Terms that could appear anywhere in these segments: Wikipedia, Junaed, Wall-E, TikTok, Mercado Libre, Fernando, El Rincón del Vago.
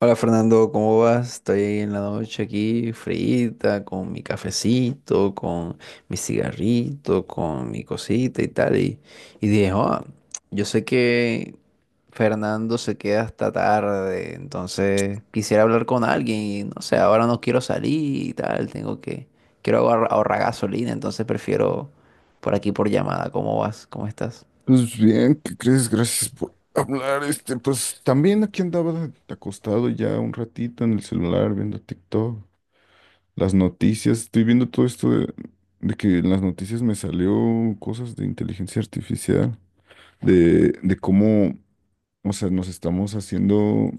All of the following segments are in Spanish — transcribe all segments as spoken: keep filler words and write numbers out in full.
Hola Fernando, ¿cómo vas? Estoy en la noche aquí, frita, con mi cafecito, con mi cigarrito, con mi cosita y tal. Y, y dije, "Ah, yo sé que Fernando se queda hasta tarde, entonces quisiera hablar con alguien y no sé, ahora no quiero salir y tal, tengo que, quiero ahorra- ahorrar gasolina, entonces prefiero por aquí por llamada. ¿Cómo vas? ¿Cómo estás? Pues bien, ¿qué crees? Gracias por hablar. Este, pues también aquí andaba acostado ya un ratito en el celular viendo TikTok, las noticias. Estoy viendo todo esto de, de que en las noticias me salió cosas de inteligencia artificial, de, de cómo, o sea, nos estamos haciendo,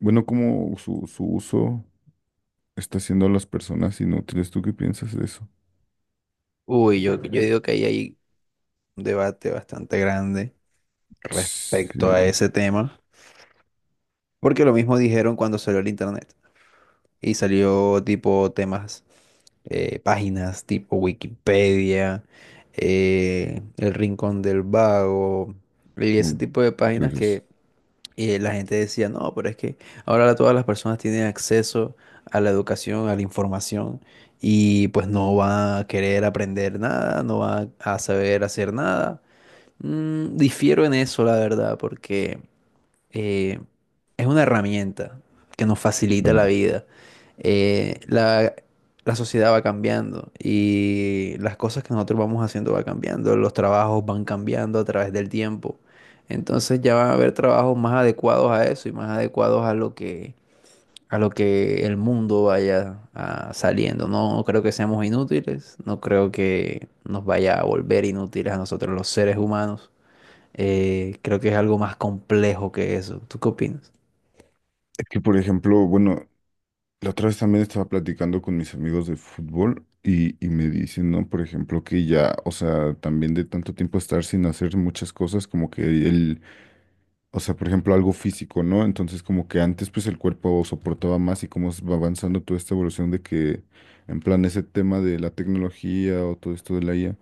bueno, cómo su, su uso está haciendo a las personas inútiles. ¿Tú qué piensas de eso? Uy, yo, yo digo que ahí hay un debate bastante grande respecto Sí, a ese tema, porque lo mismo dijeron cuando salió el internet y salió tipo temas, eh, páginas tipo Wikipedia, eh, El Rincón del Vago y ese tipo de páginas entonces, que eh, la gente decía, no, pero es que ahora todas las personas tienen acceso a la educación, a la información. Y pues no va a querer aprender nada, no va a saber hacer nada. Mm, difiero en eso, la verdad, porque eh, es una herramienta que nos facilita la claro. vida. Eh, la, la sociedad va cambiando y las cosas que nosotros vamos haciendo va cambiando, los trabajos van cambiando a través del tiempo. Entonces ya van a haber trabajos más adecuados a eso y más adecuados a lo que, a lo que el mundo vaya ah, saliendo. No creo que seamos inútiles, no creo que nos vaya a volver inútiles a nosotros los seres humanos. Eh, creo que es algo más complejo que eso. ¿Tú qué opinas? Es que, por ejemplo, bueno, la otra vez también estaba platicando con mis amigos de fútbol y, y me dicen, ¿no? Por ejemplo, que ya, o sea, también de tanto tiempo estar sin hacer muchas cosas, como que el, o sea, por ejemplo, algo físico, ¿no? Entonces, como que antes, pues el cuerpo soportaba más y cómo va avanzando toda esta evolución de que, en plan, ese tema de la tecnología o todo esto de la I A,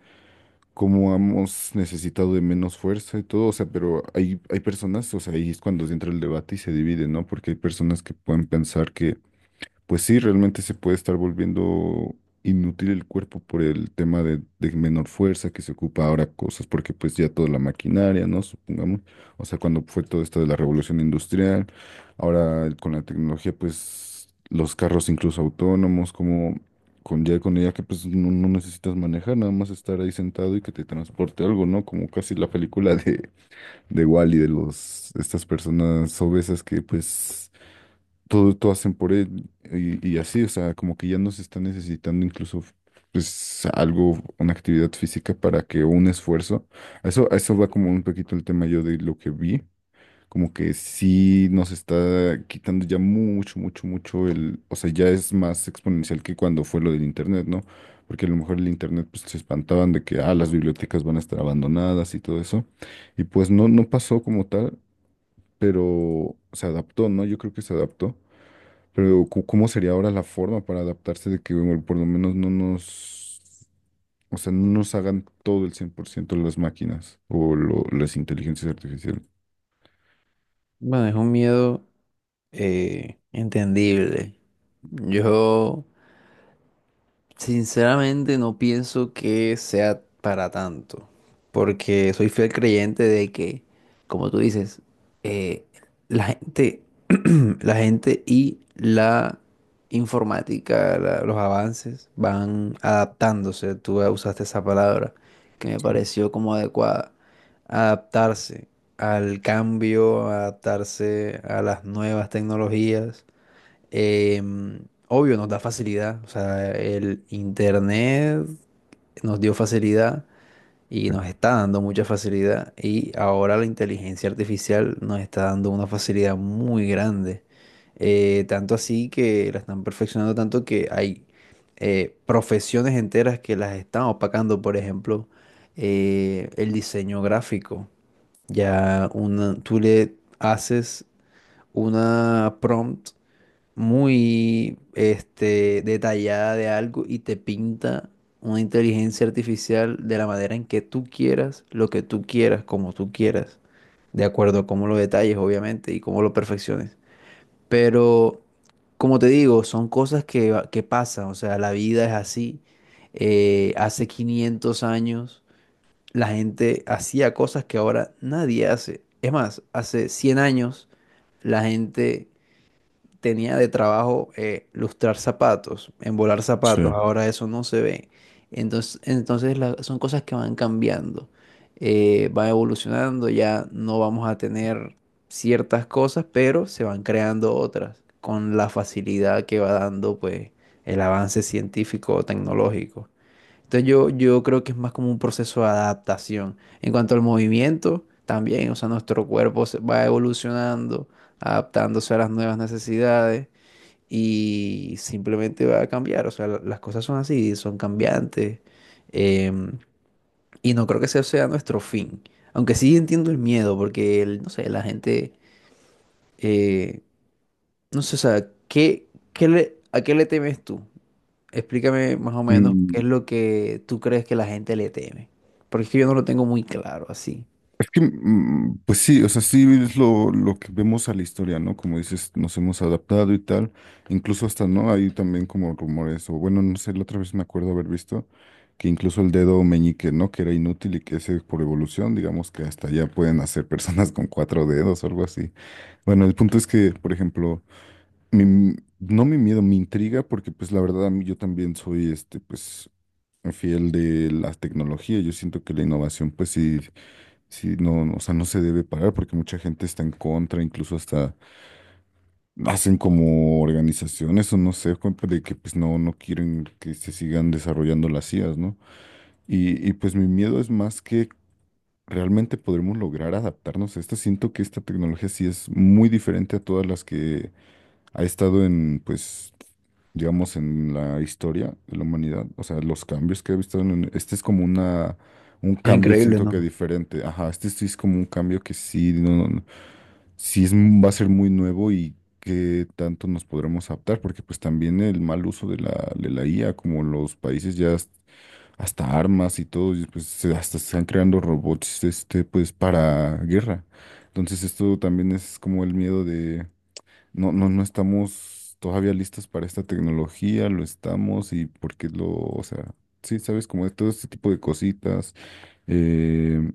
cómo hemos necesitado de menos fuerza y todo, o sea, pero hay, hay personas, o sea, ahí es cuando entra el debate y se divide, ¿no? Porque hay personas que pueden pensar que pues sí, realmente se puede estar volviendo inútil el cuerpo por el tema de, de menor fuerza que se ocupa ahora cosas, porque pues ya toda la maquinaria, ¿no? Supongamos, o sea, cuando fue todo esto de la revolución industrial, ahora con la tecnología, pues los carros incluso autónomos, como con ya con ella que pues no, no necesitas manejar, nada más estar ahí sentado y que te transporte algo, ¿no? Como casi la película de, de Wall-E, de los, estas personas obesas que pues todo, todo hacen por él y, y así, o sea, como que ya no se está necesitando incluso pues algo, una actividad física para que o un esfuerzo, a eso, a eso va como un poquito el tema yo de lo que vi, como que sí nos está quitando ya mucho, mucho, mucho el, o sea, ya es más exponencial que cuando fue lo del internet, ¿no? Porque a lo mejor el internet pues se espantaban de que, ah, las bibliotecas van a estar abandonadas y todo eso, y pues no, no pasó como tal, pero se adaptó, ¿no? Yo creo que se adaptó. Pero cu- ¿cómo sería ahora la forma para adaptarse de que bueno, por lo menos no nos, o sea, no nos hagan todo el cien por ciento las máquinas o lo- las inteligencias artificiales? Bueno, es un miedo eh, entendible. Yo Sinceramente no pienso que sea para tanto, porque soy fiel creyente de que, como tú dices, eh, la gente, la gente y la informática, la- los avances van adaptándose. Tú usaste esa palabra que me pareció como adecuada. Adaptarse al cambio, adaptarse a las nuevas tecnologías. Eh, Obvio, nos da facilidad. O sea, el internet nos dio facilidad y nos está dando mucha facilidad. Y ahora la inteligencia artificial nos está dando una facilidad muy grande. Eh, tanto así que la están perfeccionando tanto que hay eh, profesiones enteras que las están opacando. Por ejemplo, eh, el diseño gráfico. Ya una, tú le haces una prompt muy este, detallada de algo y te pinta una inteligencia artificial de la manera en que tú quieras, lo que tú quieras, como tú quieras, de acuerdo a cómo lo detalles, obviamente, y cómo lo perfecciones. Pero, como te digo, son cosas que, va- que pasan, o sea, la vida es así. Eh, hace quinientos años la gente hacía cosas que ahora nadie hace. Es más, hace cien años la gente tenía de trabajo eh, lustrar zapatos, embolar zapatos, Sí. ahora eso no se ve. Entonces, entonces la- son cosas que van cambiando, eh, van evolucionando, ya no vamos a tener ciertas cosas, pero se van creando otras con la facilidad que va dando pues el avance científico o tecnológico. Entonces yo, yo creo que es más como un proceso de adaptación. En cuanto al movimiento, también, o sea, nuestro cuerpo se va evolucionando, adaptándose a las nuevas necesidades y simplemente va a cambiar. O sea, la- las cosas son así, son cambiantes. em, y no creo que ese sea nuestro fin. Aunque sí entiendo el miedo, porque, el- no sé, la gente, eh, no sé, o sea, ¿qué, qué le, ¿a qué le temes tú? Explícame más o menos qué es Mm, lo que tú crees que la gente le teme. Porque es que yo no lo tengo muy claro así. Es que, mm, pues sí, o sea, sí es lo, lo que vemos a la historia, ¿no? Como dices, nos hemos adaptado y tal. Incluso hasta, ¿no? Hay también como rumores, o bueno, no sé, la otra vez me acuerdo haber visto que incluso el dedo meñique, ¿no? Que era inútil y que ese por evolución, digamos que hasta ya pueden hacer personas con cuatro dedos o algo así. Bueno, el punto es que, por ejemplo, mi- no mi miedo, mi intriga, porque pues la verdad a mí yo también soy este, pues, fiel de la tecnología. Yo siento que la innovación, pues sí, sí, no, no, o sea, no se debe parar porque mucha gente está en contra, incluso hasta hacen como organizaciones o no sé, como de que pues no, no quieren que se sigan desarrollando las C I As, ¿no? Y, y pues mi miedo es más que realmente podremos lograr adaptarnos a esta. Siento que esta tecnología sí es muy diferente a todas las que ha estado en, pues, digamos, en la historia de la humanidad, o sea, los cambios que ha visto, en- este es como una, un Es cambio, increíble, siento que ¿no? diferente, ajá, este sí es como un cambio que sí, no, no, no, sí es, m- va a ser muy nuevo y qué tanto nos podremos adaptar, porque pues también el mal uso de la, de la, I A, como los países ya has- hasta armas y todo, y, pues se- hasta se están creando robots, este, pues, para guerra. Entonces esto también es como el miedo no, no, no estamos todavía listos para esta tecnología, lo estamos y porque lo, o sea, sí, sabes, como de todo este tipo de cositas. eh,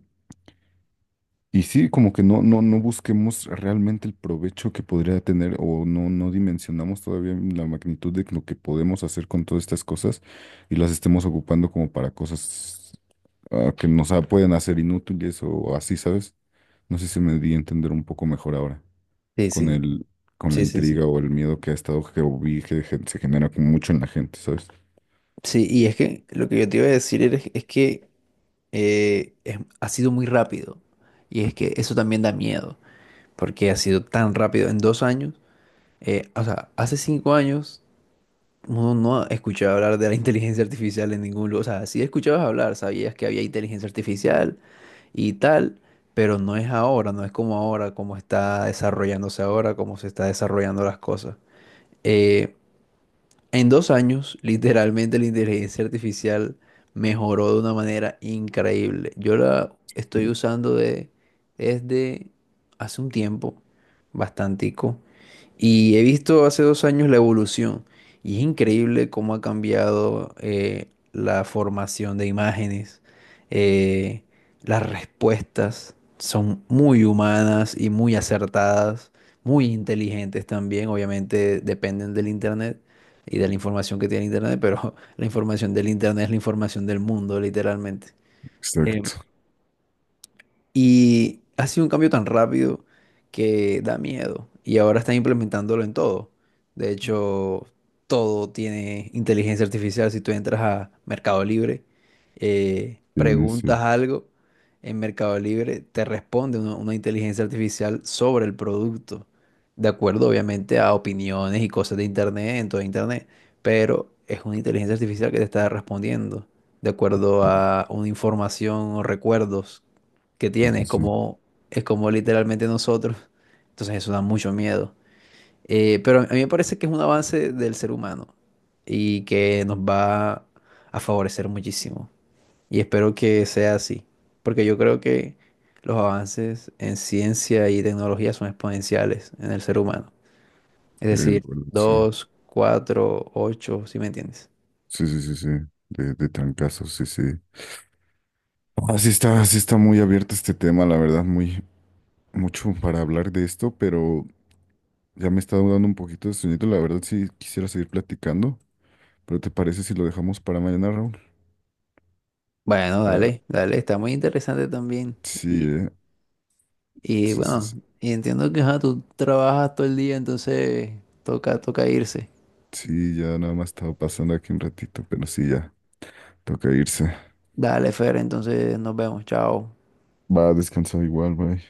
y sí, como que no, no, no busquemos realmente el provecho que podría tener o no, no dimensionamos todavía la magnitud de lo que podemos hacer con todas estas cosas y las estemos ocupando como para cosas ah, que nos ah, pueden hacer inútiles o así, ¿sabes? No sé si me di a entender un poco mejor ahora Sí, con sí, el, con la sí, sí, sí. intriga o el miedo que ha estado que vi que gen- se genera como mucho en la gente, ¿sabes? Sí, y es que lo que yo te iba a decir es, es que eh, es- ha sido muy rápido. Y es Ujú. que eso también da miedo, porque ha sido tan rápido. En dos años, eh, o sea, hace cinco años uno no escuchaba hablar de la inteligencia artificial en ningún lugar. O sea, sí escuchabas hablar, sabías que había inteligencia artificial, y tal, pero no es ahora, no es como ahora, como está desarrollándose ahora, como se está desarrollando las cosas. Eh, en dos años, literalmente la inteligencia artificial mejoró de una manera increíble. Yo la estoy usando de, desde hace un tiempo, bastantico, y he visto hace dos años la evolución. Y es increíble cómo ha cambiado eh, la formación de imágenes. eh, las respuestas son muy humanas y muy acertadas, muy inteligentes también, obviamente dependen del internet y de la información que tiene Internet, pero la información del Internet es la información del mundo, literalmente. Exacto. Y ha sido un cambio tan rápido que da miedo. Y ahora están implementándolo en todo. De hecho, todo tiene inteligencia artificial. Si tú entras a Mercado Libre, eh, Tiene, preguntas sí. algo en Mercado Libre, te responde una, una inteligencia artificial sobre el producto. De acuerdo, obviamente, a opiniones y cosas de internet, en todo internet. Pero es una inteligencia artificial que te está respondiendo de acuerdo a una información o recuerdos que Sí, tiene, sí, es sí. como, es como literalmente nosotros. Entonces eso da mucho miedo. Eh, pero a mí me parece que es un avance del ser humano y que nos va a favorecer muchísimo. Y espero que sea así, porque yo creo que los avances en ciencia y tecnología son exponenciales en el ser humano. Es Sí, la decir, verdad, sí. dos cuatro ocho, ¿si me entiendes? Sí, sí, sí, sí. De, de trancazos, sí, sí. Así está, sí está muy abierto este tema, la verdad, muy, mucho para hablar de esto, pero ya me está dando un poquito de sueñito, la verdad sí quisiera seguir platicando, pero ¿te parece si lo dejamos para mañana, Raúl? Bueno, Para, dale, dale, está muy interesante también. sí, Y- eh, Y sí, sí, bueno, sí, y entiendo que ajá, tú trabajas todo el día, entonces toca, toca irse. sí, ya nada más estaba pasando aquí un ratito, pero sí, ya. Toca irse. Dale, Fer, entonces nos vemos, chao. Va, descansa igual, bye.